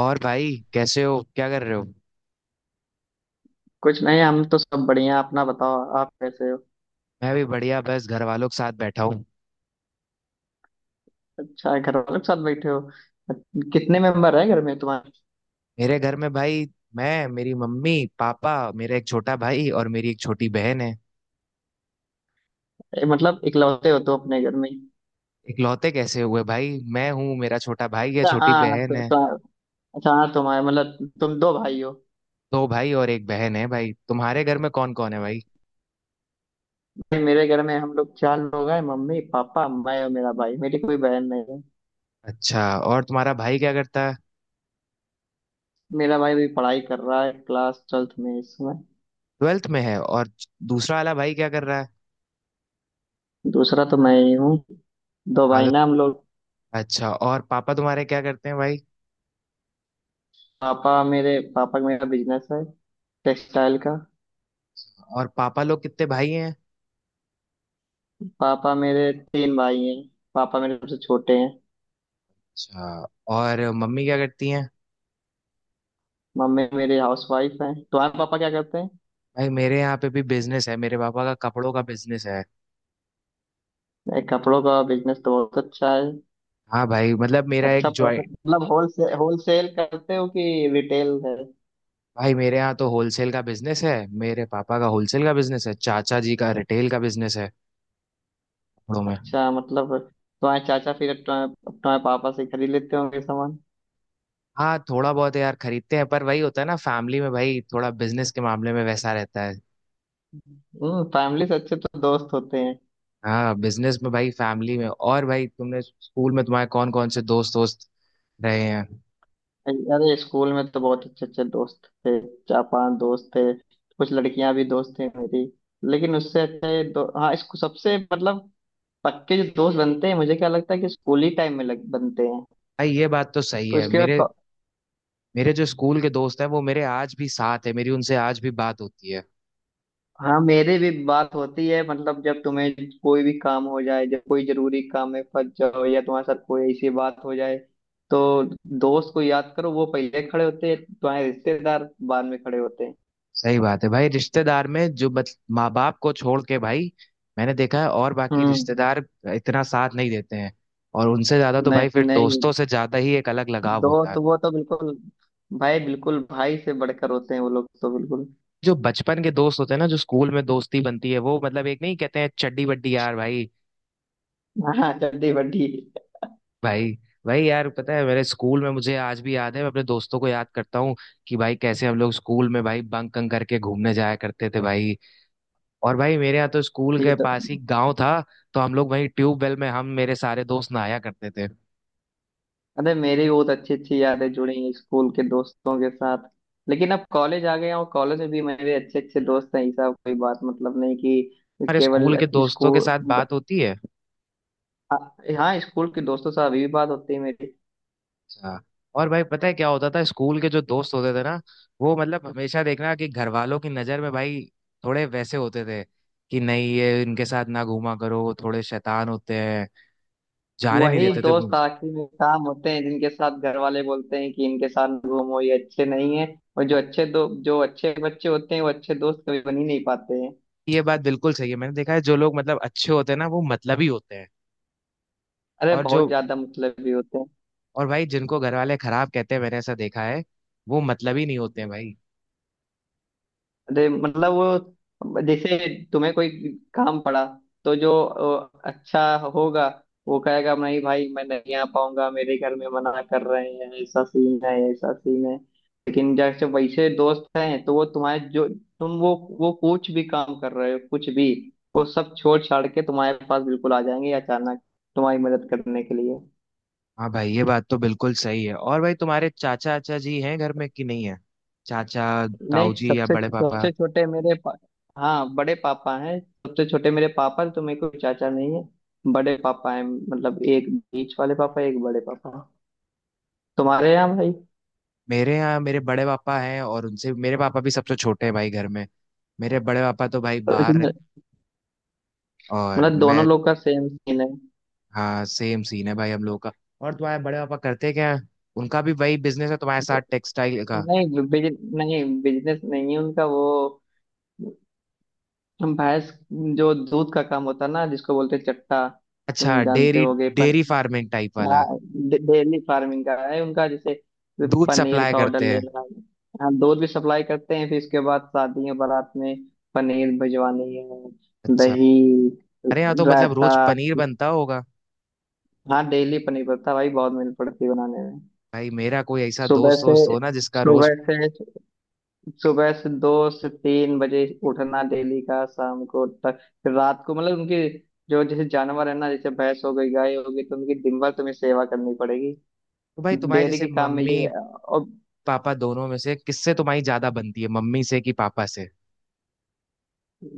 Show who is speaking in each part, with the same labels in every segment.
Speaker 1: और भाई कैसे हो? क्या कर रहे हो?
Speaker 2: कुछ नहीं, हम तो सब बढ़िया। अपना बताओ, आप कैसे हो?
Speaker 1: मैं भी बढ़िया, बस घर वालों के साथ बैठा हूँ।
Speaker 2: अच्छा है, घर वालों के साथ बैठे हो। कितने मेंबर है घर में तुम्हारे?
Speaker 1: मेरे घर में भाई, मैं, मेरी मम्मी, पापा, मेरा एक छोटा भाई और मेरी एक छोटी बहन है।
Speaker 2: मतलब इकलौते हो तो अपने घर में ही?
Speaker 1: इकलौते कैसे हुए भाई? मैं हूँ, मेरा छोटा भाई है,
Speaker 2: अच्छा
Speaker 1: छोटी
Speaker 2: हाँ,
Speaker 1: बहन
Speaker 2: तो,
Speaker 1: है।
Speaker 2: तो अच्छा हाँ, तुम्हारे मतलब तुम दो भाई हो।
Speaker 1: दो भाई और एक बहन है भाई। तुम्हारे घर में कौन कौन है भाई?
Speaker 2: नहीं, मेरे घर में हम लोग चार लोग हैं, मम्मी पापा मैं और मेरा भाई। मेरी कोई बहन नहीं है।
Speaker 1: अच्छा, और तुम्हारा भाई क्या करता है?
Speaker 2: मेरा भाई भी पढ़ाई कर रहा है, क्लास ट्वेल्थ में इसमें।
Speaker 1: 12th में है, और दूसरा वाला भाई क्या कर रहा है?
Speaker 2: दूसरा तो मैं ही हूँ। दो
Speaker 1: हाँ
Speaker 2: भाई
Speaker 1: तो-
Speaker 2: ना हम लोग।
Speaker 1: अच्छा, और पापा तुम्हारे क्या करते हैं भाई?
Speaker 2: पापा, मेरे पापा का मेरा बिजनेस है, टेक्सटाइल का।
Speaker 1: और पापा लोग कितने भाई हैं?
Speaker 2: पापा मेरे तीन भाई हैं। पापा मेरे सबसे छोटे हैं।
Speaker 1: अच्छा, और मम्मी क्या करती हैं?
Speaker 2: मम्मी मेरी हाउस वाइफ है। तुम्हारे पापा क्या करते हैं?
Speaker 1: भाई, मेरे यहाँ पे भी बिजनेस है, मेरे पापा का कपड़ों का बिजनेस है।
Speaker 2: एक कपड़ों का बिजनेस तो बहुत अच्छा है।
Speaker 1: हाँ भाई, मतलब मेरा एक
Speaker 2: अच्छा, प्रॉफिट
Speaker 1: जॉइंट।
Speaker 2: मतलब होलसेल होलसेल करते हो कि रिटेल है?
Speaker 1: भाई, मेरे यहाँ तो होलसेल का बिजनेस है, मेरे पापा का होलसेल का बिजनेस है, चाचा जी का रिटेल का बिजनेस है, कपड़ों में।
Speaker 2: अच्छा, मतलब तुम्हारे चाचा फिर तुम्हारे तुम्हारे पापा से खरीद लेते होंगे सामान।
Speaker 1: हाँ, थोड़ा बहुत यार खरीदते हैं, पर वही होता है ना, फैमिली में भाई थोड़ा बिजनेस के मामले में वैसा रहता है।
Speaker 2: फैमिली से अच्छे तो दोस्त होते हैं।
Speaker 1: हाँ बिजनेस में भाई, फैमिली में। और भाई तुमने स्कूल में, तुम्हारे कौन कौन से दोस्त दोस्त रहे हैं?
Speaker 2: अरे, स्कूल में तो बहुत अच्छे अच्छे दोस्त थे। चार पांच दोस्त थे। कुछ लड़कियां भी दोस्त थी मेरी। लेकिन उससे अच्छे दो, हाँ, इसको सबसे मतलब पक्के जो दोस्त बनते हैं, मुझे क्या लगता है कि स्कूल ही टाइम में लग बनते हैं।
Speaker 1: भाई ये बात तो सही
Speaker 2: तो
Speaker 1: है।
Speaker 2: इसके बाद
Speaker 1: मेरे
Speaker 2: को-
Speaker 1: मेरे जो स्कूल के दोस्त हैं वो मेरे आज भी साथ है, मेरी उनसे आज भी बात होती है।
Speaker 2: हाँ, मेरे भी बात होती है। मतलब, जब तुम्हें कोई भी काम हो जाए, जब कोई जरूरी काम में फंस जाओ या तुम्हारे साथ कोई ऐसी बात हो जाए तो दोस्त को याद करो, वो पहले खड़े होते हैं। तुम्हारे रिश्तेदार बाद में खड़े होते हैं।
Speaker 1: सही बात है भाई, रिश्तेदार में जो बच, माँ बाप को छोड़ के भाई मैंने देखा है, और बाकी
Speaker 2: हम्म।
Speaker 1: रिश्तेदार इतना साथ नहीं देते हैं। और उनसे ज्यादा तो भाई
Speaker 2: नहीं,
Speaker 1: फिर
Speaker 2: नहीं।
Speaker 1: दोस्तों से ज्यादा ही एक अलग लगाव होता है।
Speaker 2: दोस्त, वो तो बिल्कुल भाई, बिल्कुल भाई से बढ़कर होते हैं। वो लोग तो बिल्कुल।
Speaker 1: जो बचपन के दोस्त होते हैं ना, जो स्कूल में दोस्ती बनती है, वो मतलब एक, नहीं कहते हैं चड्डी बड्डी, यार भाई।
Speaker 2: हाँ, चड्डी बड्डी।
Speaker 1: भाई भाई यार, पता है मेरे स्कूल में मुझे आज भी याद है, मैं अपने दोस्तों को याद करता हूँ कि भाई कैसे हम लोग स्कूल में भाई बंक करके घूमने जाया करते थे भाई। और भाई मेरे यहाँ तो स्कूल
Speaker 2: ये
Speaker 1: के
Speaker 2: तो।
Speaker 1: पास ही गांव था, तो हम लोग वहीं ट्यूबवेल में, हम मेरे सारे दोस्त नहाया करते थे।
Speaker 2: अरे, मेरी भी बहुत अच्छी अच्छी यादें जुड़ी हैं स्कूल के दोस्तों के साथ। लेकिन अब कॉलेज आ गया हूँ, कॉलेज में भी मेरे अच्छे अच्छे दोस्त हैं। ऐसा कोई बात मतलब नहीं कि
Speaker 1: हमारे
Speaker 2: केवल
Speaker 1: स्कूल के दोस्तों के
Speaker 2: स्कूल
Speaker 1: साथ
Speaker 2: ब-
Speaker 1: बात होती है।
Speaker 2: आ- हाँ, स्कूल के दोस्तों से अभी भी बात होती है मेरी।
Speaker 1: अच्छा। और भाई पता है क्या होता था? स्कूल के जो दोस्त होते थे ना, वो मतलब हमेशा देखना कि घर वालों की नजर में भाई थोड़े वैसे होते थे, कि नहीं ये, इनके साथ ना घूमा करो, थोड़े शैतान होते हैं, जाने नहीं
Speaker 2: वही
Speaker 1: देते थे
Speaker 2: दोस्त
Speaker 1: मुझे।
Speaker 2: आखिर में काम होते हैं जिनके साथ घर वाले बोलते हैं कि इनके साथ घूमो, ये अच्छे नहीं है। और जो अच्छे बच्चे होते हैं वो अच्छे दोस्त कभी बन ही नहीं पाते हैं।
Speaker 1: ये बात बिल्कुल सही है, मैंने देखा है, जो लोग मतलब अच्छे होते हैं ना, वो मतलबी होते हैं।
Speaker 2: अरे,
Speaker 1: और
Speaker 2: बहुत
Speaker 1: जो,
Speaker 2: ज्यादा मतलब भी होते हैं।
Speaker 1: और भाई जिनको घर वाले खराब कहते हैं, मैंने ऐसा देखा है, वो मतलब ही नहीं होते हैं भाई।
Speaker 2: अरे मतलब, वो जैसे तुम्हें कोई काम पड़ा, तो जो अच्छा होगा, वो कहेगा नहीं भाई, मैं नहीं आ पाऊंगा, मेरे घर में मना कर रहे हैं। ऐसा सीन है, ऐसा सीन है। लेकिन जैसे वैसे दोस्त हैं तो वो तुम्हारे, जो तुम वो कुछ भी काम कर रहे हो, कुछ भी, वो सब छोड़ छाड़ के तुम्हारे पास बिल्कुल आ जाएंगे अचानक, तुम्हारी मदद करने के लिए।
Speaker 1: हाँ भाई ये बात तो बिल्कुल सही है। और भाई तुम्हारे चाचा चाचा जी हैं घर में कि नहीं है? चाचा,
Speaker 2: नहीं,
Speaker 1: ताऊ जी, या
Speaker 2: सबसे
Speaker 1: बड़े पापा?
Speaker 2: सबसे छोटे मेरे हाँ, बड़े पापा हैं, सबसे छोटे मेरे पापा हैं, तो मेरे को चाचा नहीं है। बड़े पापा हैं, मतलब एक बीच वाले पापा, एक बड़े पापा। तुम्हारे यहाँ भाई?
Speaker 1: मेरे यहाँ मेरे बड़े पापा हैं, और उनसे मेरे पापा भी सबसे छोटे हैं भाई घर में। मेरे बड़े पापा तो भाई बाहर
Speaker 2: इसमें-
Speaker 1: रहते, और
Speaker 2: मतलब, दोनों
Speaker 1: मैं,
Speaker 2: लोग का सेम सीन है।
Speaker 1: हाँ सेम सीन है भाई हम लोगों का। और तुम्हारे बड़े पापा करते क्या हैं? उनका भी वही बिजनेस है तुम्हारे साथ, टेक्सटाइल का?
Speaker 2: नहीं नहीं, बिजनेस नहीं है उनका। वो भैंस, जो दूध का काम होता है ना, जिसको बोलते हैं चट्टा,
Speaker 1: अच्छा,
Speaker 2: तुम जानते
Speaker 1: डेयरी।
Speaker 2: होगे, पर
Speaker 1: डेयरी फार्मिंग टाइप वाला?
Speaker 2: हाँ, डेली फार्मिंग का है उनका, जैसे
Speaker 1: दूध
Speaker 2: पनीर
Speaker 1: सप्लाई
Speaker 2: का ऑर्डर
Speaker 1: करते हैं?
Speaker 2: लेना है। हाँ, दूध भी सप्लाई करते हैं, फिर इसके बाद शादी है, बारात में पनीर भिजवानी है,
Speaker 1: अच्छा।
Speaker 2: दही,
Speaker 1: अरे यहाँ तो मतलब
Speaker 2: रायता।
Speaker 1: रोज पनीर बनता होगा।
Speaker 2: हाँ, डेली पनीर पड़ता भाई, बहुत मेहनत पड़ती है बनाने में।
Speaker 1: भाई मेरा कोई ऐसा
Speaker 2: सुबह
Speaker 1: दोस्त
Speaker 2: से
Speaker 1: दोस्त हो ना जिसका रोज।
Speaker 2: सुबह से सुबह से 2 से 3 बजे उठना डेली का, शाम को तक, फिर रात को, मतलब उनकी जो जैसे जानवर है ना, जैसे भैंस हो गई, गाय हो गई, तो उनकी दिन भर तुम्हें सेवा करनी पड़ेगी,
Speaker 1: तो भाई तुम्हारे
Speaker 2: डेयरी
Speaker 1: जैसे,
Speaker 2: के काम में
Speaker 1: मम्मी
Speaker 2: ये, और
Speaker 1: पापा दोनों में से किससे तुम्हारी ज्यादा बनती है, मम्मी से कि पापा से?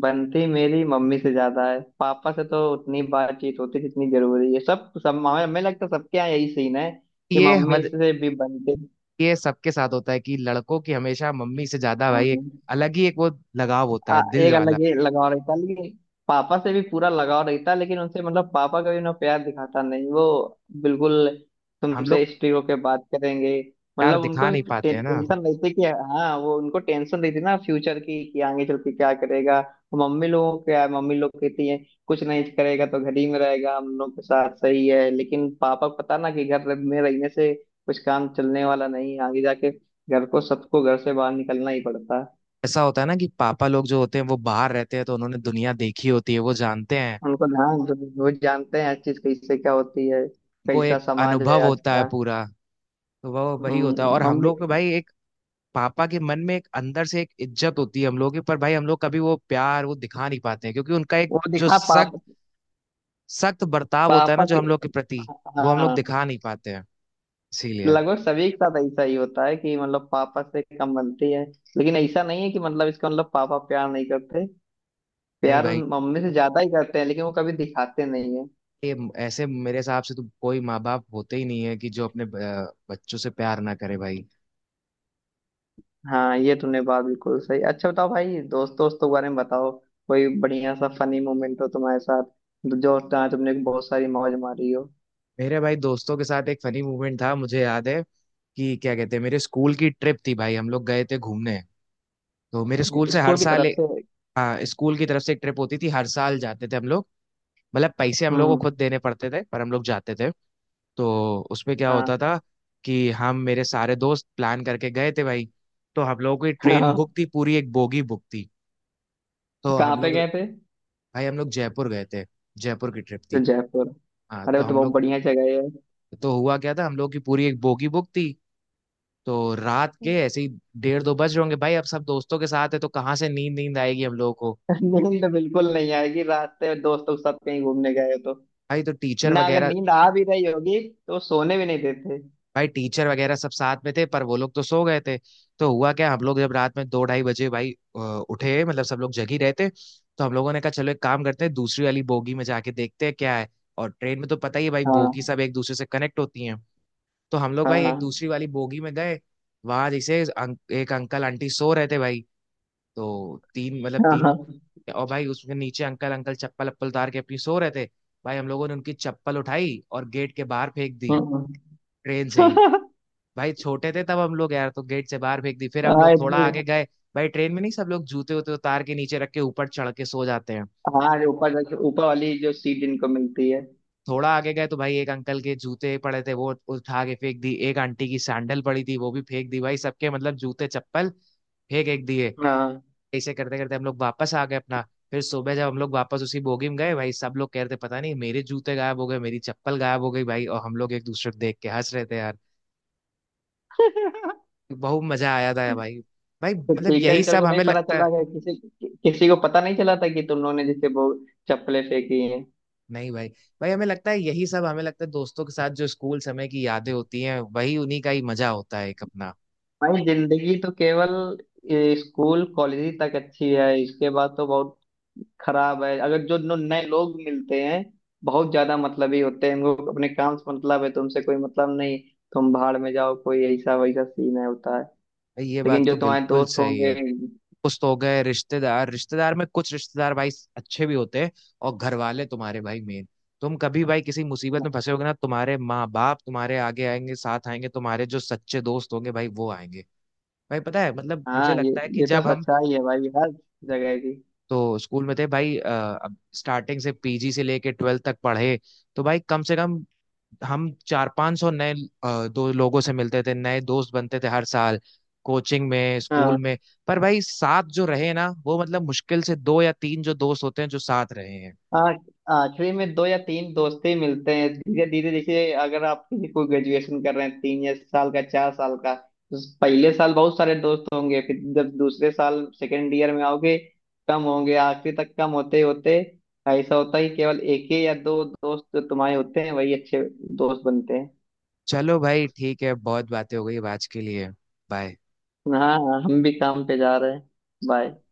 Speaker 2: बनती मेरी मम्मी से ज्यादा है, पापा से तो उतनी बातचीत होती जितनी जरूरी है। सब सब हमें हमें लगता है सबके यहाँ यही सीन है कि
Speaker 1: ये
Speaker 2: मम्मी
Speaker 1: मत
Speaker 2: से भी बनते,
Speaker 1: ये सबके साथ होता है कि लड़कों की हमेशा मम्मी से ज्यादा भाई एक अलग ही एक वो लगाव होता है दिल
Speaker 2: एक
Speaker 1: वाला।
Speaker 2: अलग ही लगाव रहता, लेकिन पापा से भी पूरा लगाव रहता, लेकिन उनसे, मतलब पापा कभी ना प्यार दिखाता नहीं वो, बिल्कुल
Speaker 1: हम लोग
Speaker 2: तुमसे स्ट्रिक्ट होके बात करेंगे।
Speaker 1: प्यार
Speaker 2: मतलब
Speaker 1: दिखा
Speaker 2: उनको
Speaker 1: नहीं पाते हैं ना।
Speaker 2: टेंशन रहती कि हाँ, वो उनको टेंशन रहती ना फ्यूचर की कि आगे चल के क्या करेगा, तो मम्मी लोगों को क्या है, मम्मी लोग कहती है कुछ नहीं करेगा तो घर ही में रहेगा हम लोग के साथ, सही है, लेकिन पापा को पता ना कि घर में रहने से कुछ काम चलने वाला नहीं है, आगे जाके घर को, सबको घर से बाहर निकलना ही पड़ता है।
Speaker 1: ऐसा होता है ना कि पापा लोग जो होते हैं वो बाहर रहते हैं, तो उन्होंने दुनिया देखी होती है, वो जानते हैं,
Speaker 2: उनको ध्यान जो, वो जानते हैं हर चीज कैसे क्या होती है,
Speaker 1: उनको
Speaker 2: कैसा
Speaker 1: एक
Speaker 2: समाज है
Speaker 1: अनुभव
Speaker 2: आज
Speaker 1: होता है
Speaker 2: का।
Speaker 1: पूरा। तो वो वही होता है, और हम
Speaker 2: मम्मी।
Speaker 1: लोग को भाई एक, पापा के मन में एक अंदर से एक इज्जत होती है हम लोगों की, पर भाई हम लोग कभी वो प्यार वो दिखा नहीं पाते हैं, क्योंकि उनका एक
Speaker 2: वो
Speaker 1: जो
Speaker 2: दिखा
Speaker 1: सख्त सख्त बर्ताव होता है ना
Speaker 2: पापा
Speaker 1: जो
Speaker 2: के।
Speaker 1: हम लोग के प्रति, वो हम लोग
Speaker 2: हाँ,
Speaker 1: दिखा नहीं पाते हैं, इसीलिए।
Speaker 2: लगभग सभी के साथ ऐसा ही होता है कि मतलब पापा से कम बनती है, लेकिन ऐसा नहीं है कि मतलब इसका मतलब पापा प्यार नहीं करते।
Speaker 1: नहीं
Speaker 2: प्यार
Speaker 1: भाई,
Speaker 2: उन मम्मी से ज्यादा ही करते हैं, लेकिन वो कभी दिखाते नहीं है।
Speaker 1: ये, ऐसे मेरे हिसाब से तो कोई माँ बाप होते ही नहीं है कि जो अपने बच्चों से प्यार ना करे भाई।
Speaker 2: हाँ, ये तुमने बात बिल्कुल सही। अच्छा बताओ भाई, दोस्त दोस्तों के बारे में बताओ, कोई बढ़िया सा फनी मोमेंट हो तुम्हारे साथ, जो जहाँ तुमने बहुत सारी मौज मारी हो।
Speaker 1: मेरे भाई दोस्तों के साथ एक फनी मूवमेंट था, मुझे याद है कि क्या कहते हैं, मेरे स्कूल की ट्रिप थी भाई, हम लोग गए थे घूमने। तो मेरे स्कूल से हर
Speaker 2: स्कूल की
Speaker 1: साल
Speaker 2: तरफ से।
Speaker 1: हाँ स्कूल की तरफ से एक ट्रिप होती थी, हर साल जाते थे हम लोग। मतलब पैसे हम लोग को
Speaker 2: हम्म।
Speaker 1: खुद देने पड़ते थे, पर हम लोग जाते थे। तो उसमें क्या होता
Speaker 2: हाँ,
Speaker 1: था कि हम मेरे सारे दोस्त प्लान करके गए थे भाई। तो हम लोगों की ट्रेन
Speaker 2: हाँ।
Speaker 1: बुक थी, पूरी एक बोगी बुक थी। तो
Speaker 2: कहाँ
Speaker 1: हम
Speaker 2: पे
Speaker 1: लोग
Speaker 2: गए थे?
Speaker 1: भाई, हम लोग जयपुर गए थे, जयपुर की ट्रिप
Speaker 2: तो
Speaker 1: थी।
Speaker 2: जयपुर।
Speaker 1: हाँ
Speaker 2: अरे
Speaker 1: तो
Speaker 2: वो तो
Speaker 1: हम
Speaker 2: बहुत
Speaker 1: लोग,
Speaker 2: बढ़िया जगह है।
Speaker 1: तो हुआ क्या था, हम लोग की पूरी एक बोगी बुक थी। तो रात के ऐसे ही डेढ़ दो बज रहे होंगे भाई, अब सब दोस्तों के साथ है तो कहाँ से नींद नींद आएगी हम लोगों को?
Speaker 2: नींद बिल्कुल नहीं आएगी, रास्ते में दोस्तों के साथ कहीं घूमने गए हो तो
Speaker 1: भाई तो टीचर
Speaker 2: ना, अगर
Speaker 1: वगैरह,
Speaker 2: नींद आ भी रही होगी तो सोने भी नहीं देते।
Speaker 1: भाई टीचर वगैरह सब साथ में थे पर वो लोग तो सो गए थे। तो हुआ क्या, हम लोग जब रात में दो ढाई बजे भाई अ, उठे, मतलब सब लोग जग ही रहे थे। तो हम लोगों ने कहा चलो एक काम करते हैं, दूसरी वाली बोगी में जाके देखते हैं क्या है। और ट्रेन में तो पता ही है भाई, बोगी
Speaker 2: हाँ,
Speaker 1: सब एक दूसरे से कनेक्ट होती हैं। तो हम लोग
Speaker 2: हाँ,
Speaker 1: भाई
Speaker 2: हाँ,
Speaker 1: एक दूसरी वाली बोगी में गए। वहां जैसे एक अंकल आंटी सो रहे थे भाई। तो तीन मतलब तीन वो,
Speaker 2: हाँ।
Speaker 1: और भाई उसके नीचे अंकल अंकल चप्पल अप्पल उतार के अपनी सो रहे थे। भाई हम लोगों ने उनकी चप्पल उठाई और गेट के बाहर फेंक दी,
Speaker 2: हम्म।
Speaker 1: ट्रेन से ही। भाई छोटे थे तब हम लोग यार, तो गेट से बाहर फेंक दी, फिर हम
Speaker 2: हाँ,
Speaker 1: लोग थोड़ा
Speaker 2: इतनी।
Speaker 1: आगे गए। भाई ट्रेन में नहीं, सब लोग जूते उते उतार के नीचे रख के ऊपर चढ़ के सो जाते हैं।
Speaker 2: हाँ, जो ऊपर वाली जो सीट जिनको मिलती है।
Speaker 1: थोड़ा आगे गए तो भाई एक अंकल के जूते पड़े थे वो उठा के फेंक दी, एक आंटी की सैंडल पड़ी थी वो भी फेंक दी भाई, सबके मतलब जूते चप्पल फेंक एक दिए।
Speaker 2: हाँ।
Speaker 1: ऐसे करते करते हम लोग वापस आ गए अपना। फिर सुबह जब हम लोग वापस उसी बोगी में गए, भाई सब लोग कह रहे थे पता नहीं मेरे जूते गायब हो गए, मेरी चप्पल गायब हो गई भाई, और हम लोग एक दूसरे को देख के हंस रहे थे यार। बहुत मजा आया था यार भाई। भाई
Speaker 2: तो
Speaker 1: मतलब
Speaker 2: टीचर
Speaker 1: यही
Speaker 2: टीचर
Speaker 1: सब
Speaker 2: को नहीं
Speaker 1: हमें
Speaker 2: पता
Speaker 1: लगता है।
Speaker 2: चला कि किसी किसी को पता नहीं चला था कि तुम लोगों ने जैसे वो चप्पलें फेंकी?
Speaker 1: नहीं भाई, भाई हमें लगता है यही सब, हमें लगता है दोस्तों के साथ जो स्कूल समय की यादें होती हैं वही, उन्हीं का ही मजा होता है, एक अपना।
Speaker 2: भाई जिंदगी तो केवल स्कूल कॉलेज ही तक अच्छी है, इसके बाद तो बहुत खराब है। अगर जो नए लोग मिलते हैं, बहुत ज्यादा मतलबी होते हैं, इनको अपने काम से मतलब है, तुमसे कोई मतलब नहीं, तुम भाड़ में जाओ, कोई ऐसा वैसा सीन है होता है,
Speaker 1: भाई ये
Speaker 2: लेकिन
Speaker 1: बात
Speaker 2: जो
Speaker 1: तो
Speaker 2: तुम्हारे
Speaker 1: बिल्कुल
Speaker 2: दोस्त
Speaker 1: सही है।
Speaker 2: होंगे।
Speaker 1: कुछ तो हो गए रिश्तेदार, में कुछ रिश्तेदार भाई अच्छे भी होते हैं। और घर वाले तुम्हारे भाई मेन, तुम कभी भाई किसी मुसीबत में फंसे होगे ना, तुम्हारे माँ बाप तुम्हारे आगे आएंगे, साथ आएंगे, तुम्हारे जो सच्चे दोस्त होंगे भाई वो आएंगे। भाई पता है, मतलब मुझे
Speaker 2: हाँ, ये
Speaker 1: लगता है कि
Speaker 2: ये तो
Speaker 1: जब हम
Speaker 2: सच्चाई है भाई, हर जगह की।
Speaker 1: तो स्कूल में थे भाई, स्टार्टिंग से पीजी से लेके 12th तक पढ़े, तो भाई कम से कम हम चार पांच सौ नए दो लोगों से मिलते थे, नए दोस्त बनते थे हर साल, कोचिंग में, स्कूल
Speaker 2: हाँ।
Speaker 1: में। पर भाई साथ जो रहे ना, वो मतलब मुश्किल से दो या तीन जो दोस्त होते हैं जो साथ रहे हैं।
Speaker 2: हाँ, आखिरी में दो या तीन दोस्त ही मिलते हैं, धीरे धीरे देखिए, अगर आप किसी को ग्रेजुएशन कर रहे हैं तीन या साल का, चार साल का, तो पहले साल बहुत सारे दोस्त होंगे, फिर जब दूसरे साल सेकेंड ईयर में आओगे कम होंगे, आखिरी तक कम होते होते ऐसा होता है कि केवल एक ही या दो दोस्त जो तुम्हारे होते हैं वही अच्छे दोस्त बनते हैं।
Speaker 1: चलो भाई ठीक है, बहुत बातें हो गई अब आज के लिए, बाय।
Speaker 2: हाँ हाँ, हम भी काम पे जा रहे हैं। बाय।